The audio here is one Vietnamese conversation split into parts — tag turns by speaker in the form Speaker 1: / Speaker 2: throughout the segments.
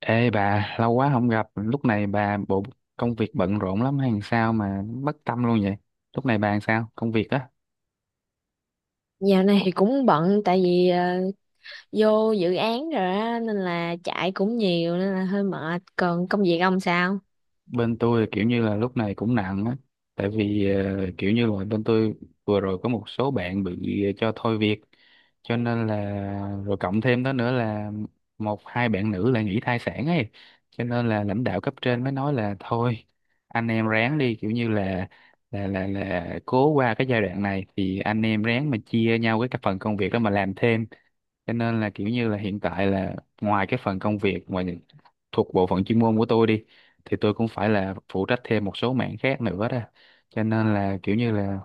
Speaker 1: Ê bà, lâu quá không gặp, lúc này bà bộ công việc bận rộn lắm hay sao mà bất tâm luôn vậy? Lúc này bà làm sao? Công việc á?
Speaker 2: Dạo này thì cũng bận tại vì vô dự án rồi á nên là chạy cũng nhiều nên là hơi mệt. Còn công việc ông sao?
Speaker 1: Bên tôi thì kiểu như là lúc này cũng nặng á, tại vì kiểu như là bên tôi vừa rồi có một số bạn bị cho thôi việc, cho nên là rồi cộng thêm đó nữa là một hai bạn nữ là nghỉ thai sản ấy, cho nên là lãnh đạo cấp trên mới nói là thôi, anh em ráng đi, kiểu như là cố qua cái giai đoạn này thì anh em ráng mà chia nhau cái phần công việc đó mà làm thêm. Cho nên là kiểu như là hiện tại là ngoài cái phần công việc ngoài thuộc bộ phận chuyên môn của tôi đi thì tôi cũng phải là phụ trách thêm một số mảng khác nữa đó. Cho nên là kiểu như là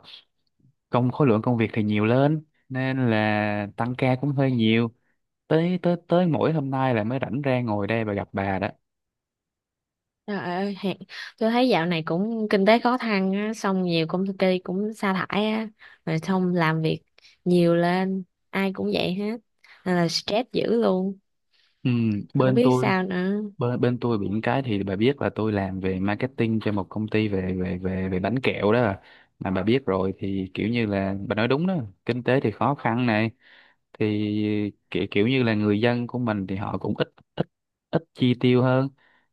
Speaker 1: công khối lượng công việc thì nhiều lên nên là tăng ca cũng hơi nhiều, tới tới tới mỗi hôm nay là mới rảnh ra ngồi đây và gặp bà đó.
Speaker 2: Trời ơi, tôi thấy dạo này cũng kinh tế khó khăn á, xong nhiều công ty cũng sa thải á, rồi xong làm việc nhiều lên, ai cũng vậy hết. Nên là stress dữ luôn,
Speaker 1: Ừ,
Speaker 2: không
Speaker 1: bên
Speaker 2: biết
Speaker 1: tôi
Speaker 2: sao nữa.
Speaker 1: bên tôi bị những cái, thì bà biết là tôi làm về marketing cho một công ty về về về về bánh kẹo đó. Mà bà biết rồi thì kiểu như là bà nói đúng đó, kinh tế thì khó khăn này, thì kiểu kiểu như là người dân của mình thì họ cũng ít ít ít chi tiêu hơn,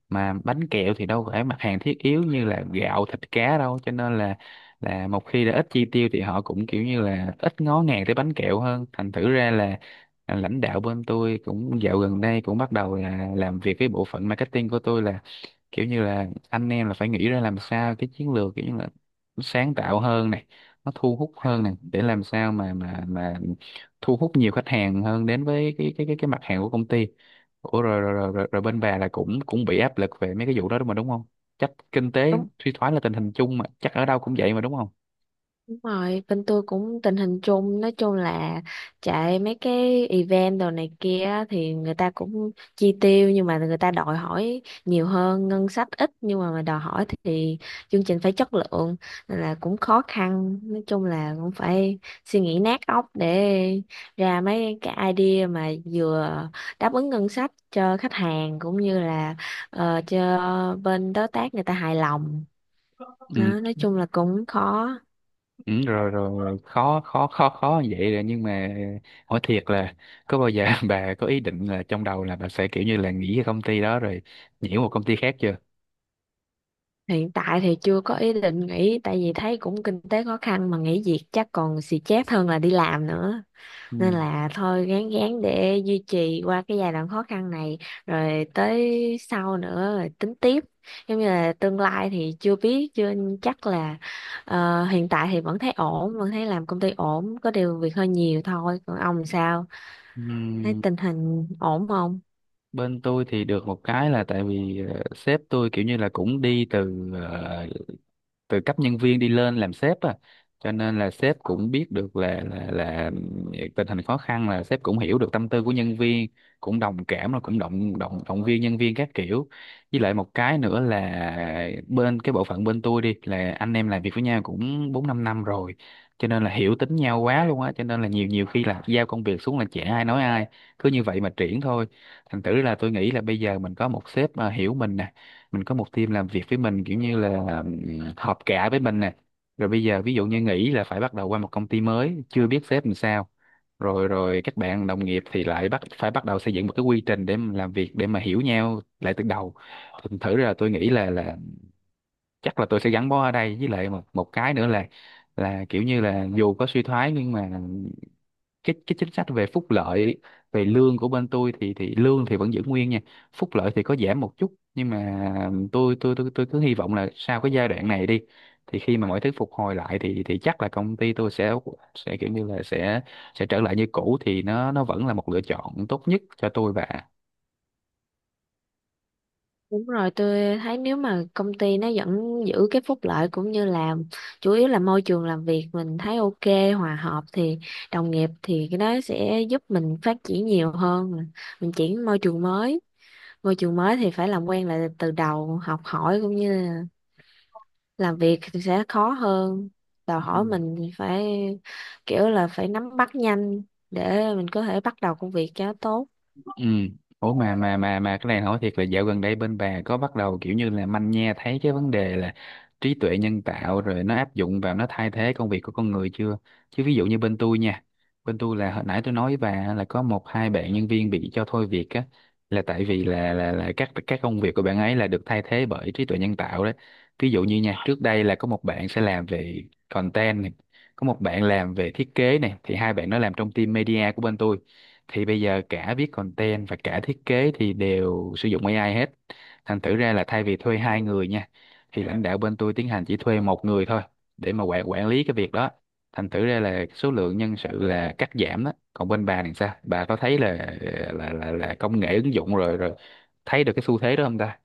Speaker 1: mà bánh kẹo thì đâu phải mặt hàng thiết yếu như là gạo, thịt, cá đâu, cho nên là một khi đã ít chi tiêu thì họ cũng kiểu như là ít ngó ngàng tới bánh kẹo hơn. Thành thử ra là lãnh đạo bên tôi cũng dạo gần đây cũng bắt đầu là làm việc với bộ phận marketing của tôi, là kiểu như là anh em là phải nghĩ ra làm sao cái chiến lược kiểu như là nó sáng tạo hơn này, nó thu hút hơn này, để làm sao mà thu hút nhiều khách hàng hơn đến với cái mặt hàng của công ty. Ủa rồi, bên bà là cũng cũng bị áp lực về mấy cái vụ đó đúng mà đúng không? Chắc kinh tế suy thoái là tình hình chung mà, chắc ở đâu cũng vậy mà, đúng không?
Speaker 2: Đúng rồi, bên tôi cũng tình hình chung, nói chung là chạy mấy cái event đồ này kia á, thì người ta cũng chi tiêu nhưng mà người ta đòi hỏi nhiều hơn, ngân sách ít nhưng mà đòi hỏi thì chương trình phải chất lượng, nên là cũng khó khăn. Nói chung là cũng phải suy nghĩ nát óc để ra mấy cái idea mà vừa đáp ứng ngân sách cho khách hàng cũng như là cho bên đối tác người ta hài lòng.
Speaker 1: Ừ,
Speaker 2: Đó, nói chung là cũng khó.
Speaker 1: ừ rồi, rồi rồi khó khó khó khó như vậy rồi, nhưng mà hỏi thiệt là có bao giờ bà có ý định là trong đầu là bà sẽ kiểu như là nghỉ cái công ty đó rồi nhảy một công ty khác chưa?
Speaker 2: Hiện tại thì chưa có ý định nghỉ tại vì thấy cũng kinh tế khó khăn mà nghỉ việc chắc còn xì chét hơn là đi làm nữa.
Speaker 1: Ừ.
Speaker 2: Nên là thôi gán gán để duy trì qua cái giai đoạn khó khăn này rồi tới sau nữa rồi tính tiếp. Giống như là tương lai thì chưa biết, chưa chắc là hiện tại thì vẫn thấy ổn, vẫn thấy làm công ty ổn, có điều việc hơi nhiều thôi. Còn ông sao? Thấy
Speaker 1: Ừm,
Speaker 2: tình hình ổn không?
Speaker 1: bên tôi thì được một cái là tại vì sếp tôi kiểu như là cũng đi từ từ cấp nhân viên đi lên làm sếp á, cho nên là sếp cũng biết được là tình hình khó khăn, là sếp cũng hiểu được tâm tư của nhân viên, cũng đồng cảm, rồi cũng động động động viên nhân viên các kiểu. Với lại một cái nữa là bên cái bộ phận bên tôi đi là anh em làm việc với nhau cũng 4-5 năm rồi, cho nên là hiểu tính nhau quá luôn á, cho nên là nhiều nhiều khi là giao công việc xuống là chả ai nói ai, cứ như vậy mà triển thôi. Thành thử là tôi nghĩ là bây giờ mình có một sếp hiểu mình nè, mình có một team làm việc với mình kiểu như là họp cả với mình nè, rồi bây giờ ví dụ như nghỉ là phải bắt đầu qua một công ty mới chưa biết sếp làm sao, rồi rồi các bạn đồng nghiệp thì lại bắt phải bắt đầu xây dựng một cái quy trình để mà làm việc, để mà hiểu nhau lại từ đầu. Thành thử ra tôi nghĩ là chắc là tôi sẽ gắn bó ở đây. Với lại một một cái nữa là kiểu như là dù có suy thoái nhưng mà cái chính sách về phúc lợi, về lương của bên tôi thì lương thì vẫn giữ nguyên nha, phúc lợi thì có giảm một chút, nhưng mà tôi cứ hy vọng là sau cái giai đoạn này đi, thì khi mà mọi thứ phục hồi lại thì chắc là công ty tôi sẽ kiểu như là sẽ trở lại như cũ, thì nó vẫn là một lựa chọn tốt nhất cho tôi và.
Speaker 2: Đúng rồi, tôi thấy nếu mà công ty nó vẫn giữ cái phúc lợi cũng như là chủ yếu là môi trường làm việc mình thấy ok, hòa hợp thì đồng nghiệp thì cái đó sẽ giúp mình phát triển nhiều hơn. Mình chuyển môi trường mới thì phải làm quen lại từ đầu, học hỏi cũng như là làm việc thì sẽ khó hơn. Đòi
Speaker 1: Ừ.
Speaker 2: hỏi mình thì phải kiểu là phải nắm bắt nhanh để mình có thể bắt đầu công việc cho tốt.
Speaker 1: Ừ. Ủa mà cái này hỏi thiệt là dạo gần đây bên bà có bắt đầu kiểu như là manh nha thấy cái vấn đề là trí tuệ nhân tạo rồi nó áp dụng vào, nó thay thế công việc của con người chưa? Chứ ví dụ như bên tôi nha, bên tôi là hồi nãy tôi nói với bà là có một hai bạn nhân viên bị cho thôi việc á, là tại vì là các công việc của bạn ấy là được thay thế bởi trí tuệ nhân tạo đấy. Ví dụ như nha, trước đây là có một bạn sẽ làm về content này, có một bạn làm về thiết kế này, thì hai bạn nó làm trong team media của bên tôi, thì bây giờ cả viết content và cả thiết kế thì đều sử dụng AI hết, thành thử ra là thay vì thuê hai người nha thì lãnh đạo bên tôi tiến hành chỉ thuê một người thôi để mà quản quản lý cái việc đó. Thành thử ra là số lượng nhân sự là cắt giảm đó. Còn bên bà thì sao, bà có thấy là công nghệ ứng dụng rồi, thấy được cái xu thế đó không ta?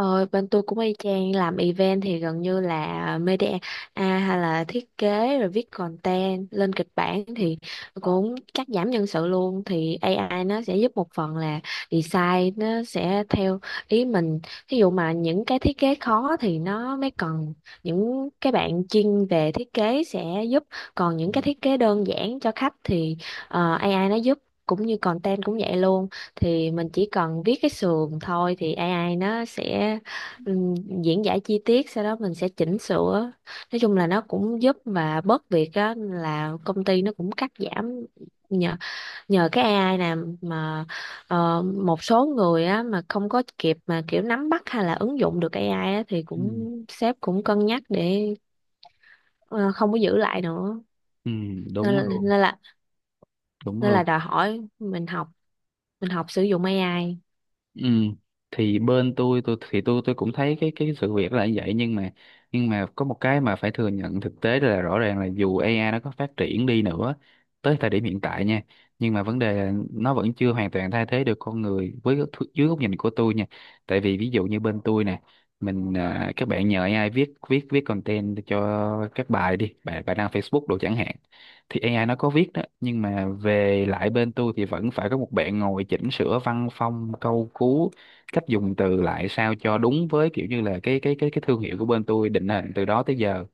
Speaker 2: Ờ, bên tôi cũng y chang, làm event thì gần như là media à, hay là thiết kế rồi viết content lên kịch bản thì cũng cắt giảm nhân sự luôn. Thì AI nó sẽ giúp một phần là design nó sẽ theo ý mình, ví dụ mà những cái thiết kế khó thì nó mới cần những cái bạn chuyên về thiết kế sẽ giúp, còn
Speaker 1: Ừ.
Speaker 2: những cái thiết kế đơn giản cho khách thì AI nó giúp. Cũng như content cũng vậy luôn, thì mình chỉ cần viết cái sườn thôi thì AI nó sẽ ừm, diễn giải chi tiết, sau đó mình sẽ chỉnh sửa. Nói chung là nó cũng giúp và bớt việc đó, là công ty nó cũng cắt giảm nhờ nhờ cái AI nè mà. Một số người á mà không có kịp mà kiểu nắm bắt hay là ứng dụng được AI á, thì
Speaker 1: Ừ.
Speaker 2: cũng sếp cũng cân nhắc để ờ, không có giữ lại nữa.
Speaker 1: ừ,
Speaker 2: nên,
Speaker 1: Đúng
Speaker 2: là-
Speaker 1: luôn,
Speaker 2: nên là
Speaker 1: đúng
Speaker 2: nên là
Speaker 1: luôn.
Speaker 2: đòi hỏi mình học, mình học sử dụng AI.
Speaker 1: Ừ. Thì bên tôi thì tôi cũng thấy cái sự việc là như vậy, nhưng mà có một cái mà phải thừa nhận thực tế là rõ ràng là dù AI nó có phát triển đi nữa, tới thời điểm hiện tại nha, nhưng mà vấn đề là nó vẫn chưa hoàn toàn thay thế được con người, dưới góc nhìn của tôi nha. Tại vì ví dụ như bên tôi nè, mình các bạn nhờ AI viết viết viết content cho các bài đi bài bài đăng Facebook đồ chẳng hạn, thì AI nó có viết đó nhưng mà về lại bên tôi thì vẫn phải có một bạn ngồi chỉnh sửa văn phong, câu cú, cách dùng từ lại sao cho đúng với kiểu như là cái thương hiệu của bên tôi định hình từ đó tới giờ.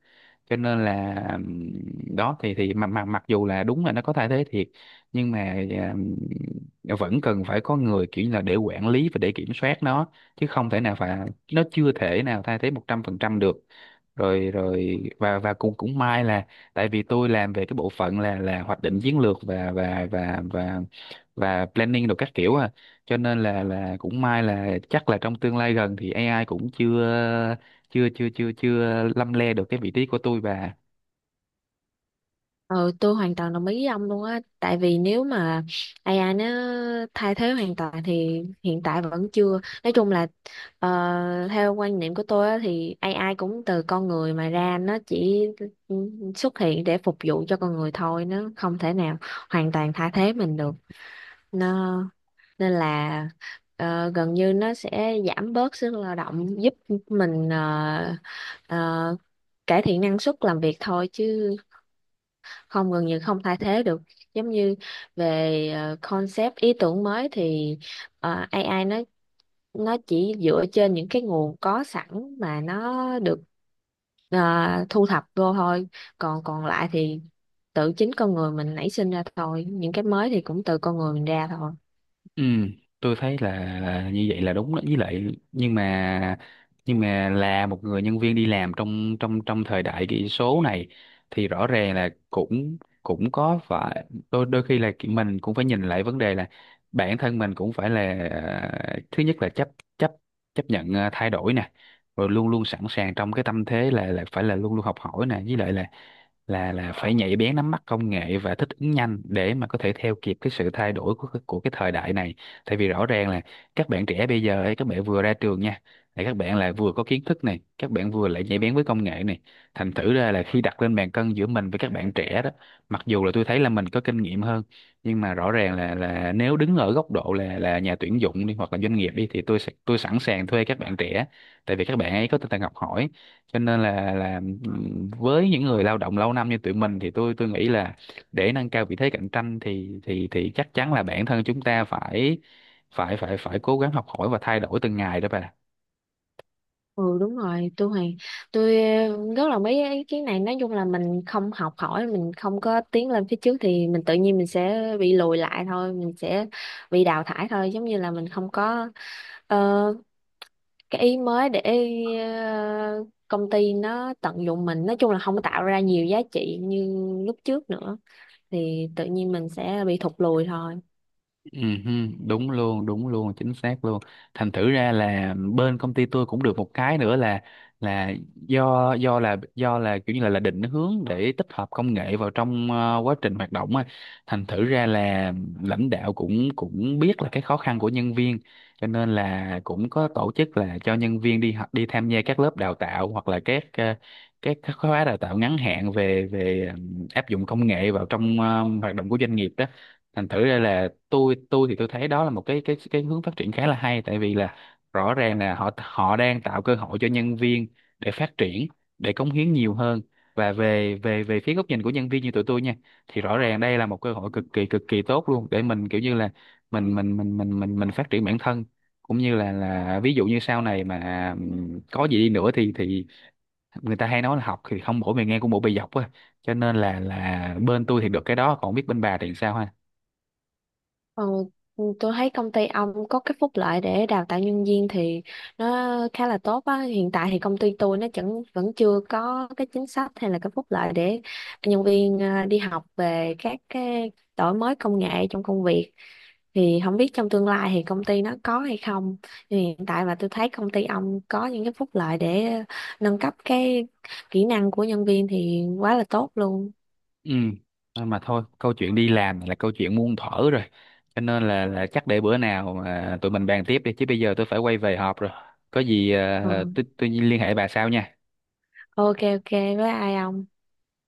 Speaker 1: Cho nên là đó, thì mặc mặc mặc dù là đúng là nó có thay thế thiệt, nhưng mà vẫn cần phải có người kiểu như là để quản lý và để kiểm soát nó, chứ không thể nào phải, nó chưa thể nào thay thế 100% được. Rồi rồi và cũng cũng may là tại vì tôi làm về cái bộ phận là hoạch định chiến lược, và planning đồ các kiểu à, cho nên là cũng may là chắc là trong tương lai gần thì AI cũng chưa chưa chưa chưa chưa lăm le được cái vị trí của tôi và.
Speaker 2: Ừ, tôi hoàn toàn đồng ý với ông luôn á, tại vì nếu mà AI nó thay thế hoàn toàn thì hiện tại vẫn chưa. Nói chung là theo quan niệm của tôi á, thì AI cũng từ con người mà ra, nó chỉ xuất hiện để phục vụ cho con người thôi, nó không thể nào hoàn toàn thay thế mình được. nó Nên là gần như nó sẽ giảm bớt sức lao động, giúp mình ờ, cải thiện năng suất làm việc thôi, chứ không, gần như không thay thế được. Giống như về concept ý tưởng mới thì AI nó chỉ dựa trên những cái nguồn có sẵn mà nó được ờ, thu thập vô thôi. Còn còn lại thì tự chính con người mình nảy sinh ra thôi, những cái mới thì cũng từ con người mình ra thôi.
Speaker 1: Ừ, tôi thấy là, như vậy là đúng đó, với lại nhưng mà là một người nhân viên đi làm trong trong trong thời đại kỹ số này thì rõ ràng là cũng cũng có phải đôi đôi khi là, mình cũng phải nhìn lại vấn đề là bản thân mình cũng phải là, thứ nhất là chấp chấp chấp nhận thay đổi nè, rồi luôn luôn sẵn sàng trong cái tâm thế là phải là luôn luôn học hỏi nè, với lại là phải nhạy bén nắm bắt công nghệ và thích ứng nhanh để mà có thể theo kịp cái sự thay đổi của của cái thời đại này. Tại vì rõ ràng là các bạn trẻ bây giờ ấy, các bạn vừa ra trường nha, là các bạn là vừa có kiến thức này, các bạn vừa lại nhạy bén với công nghệ này, thành thử ra là khi đặt lên bàn cân giữa mình với các bạn trẻ đó, mặc dù là tôi thấy là mình có kinh nghiệm hơn, nhưng mà rõ ràng là nếu đứng ở góc độ là nhà tuyển dụng đi, hoặc là doanh nghiệp đi, thì tôi sẵn sàng thuê các bạn trẻ, tại vì các bạn ấy có tinh thần học hỏi. Cho nên là với những người lao động lâu năm như tụi mình, thì tôi nghĩ là để nâng cao vị thế cạnh tranh thì thì chắc chắn là bản thân chúng ta phải phải phải phải cố gắng học hỏi và thay đổi từng ngày đó bà.
Speaker 2: Ừ đúng rồi, tôi rất là mấy ý kiến này. Nói chung là mình không học hỏi, mình không có tiến lên phía trước thì mình tự nhiên mình sẽ bị lùi lại thôi, mình sẽ bị đào thải thôi. Giống như là mình không có ờ, cái ý mới để công ty nó tận dụng mình, nói chung là không có tạo ra nhiều giá trị như lúc trước nữa thì tự nhiên mình sẽ bị thụt lùi thôi.
Speaker 1: Ừ, đúng luôn, đúng luôn, chính xác luôn. Thành thử ra là bên công ty tôi cũng được một cái nữa là do do là do là kiểu như là định hướng để tích hợp công nghệ vào trong quá trình hoạt động á. Thành thử ra là lãnh đạo cũng cũng biết là cái khó khăn của nhân viên, cho nên là cũng có tổ chức là cho nhân viên đi học, đi tham gia các lớp đào tạo, hoặc là các ờ, các khóa đào tạo ngắn hạn về về áp dụng công nghệ vào trong hoạt động của doanh nghiệp đó. Thành thử ra là tôi thì tôi thấy đó là một cái hướng phát triển khá là hay, tại vì là rõ ràng là họ họ đang tạo cơ hội cho nhân viên để phát triển, để cống hiến nhiều hơn. Và về về về phía góc nhìn của nhân viên như tụi tôi nha, thì rõ ràng đây là một cơ hội cực kỳ tốt luôn, để mình kiểu như là mình phát triển bản thân, cũng như là ví dụ như sau này mà có gì đi nữa thì người ta hay nói là học thì không bổ bề ngang cũng bổ bề dọc á, cho nên là bên tôi thì được cái đó, còn không biết bên bà thì sao ha.
Speaker 2: Ờ, tôi thấy công ty ông có cái phúc lợi để đào tạo nhân viên thì nó khá là tốt á. Hiện tại thì công ty tôi nó chẳng vẫn chưa có cái chính sách hay là cái phúc lợi để nhân viên à, đi học về các cái đổi mới công nghệ trong công việc. Thì không biết trong tương lai thì công ty nó có hay không. Thì hiện tại mà tôi thấy công ty ông có những cái phúc lợi để nâng cấp cái kỹ năng của nhân viên thì quá là tốt luôn.
Speaker 1: Ừ, thôi mà thôi, câu chuyện đi làm là câu chuyện muôn thuở rồi. Cho nên là, chắc để bữa nào mà tụi mình bàn tiếp đi, chứ bây giờ tôi phải quay về họp rồi. Có gì
Speaker 2: Ờ,
Speaker 1: tôi liên hệ bà sau nha.
Speaker 2: ok ok với ai ông?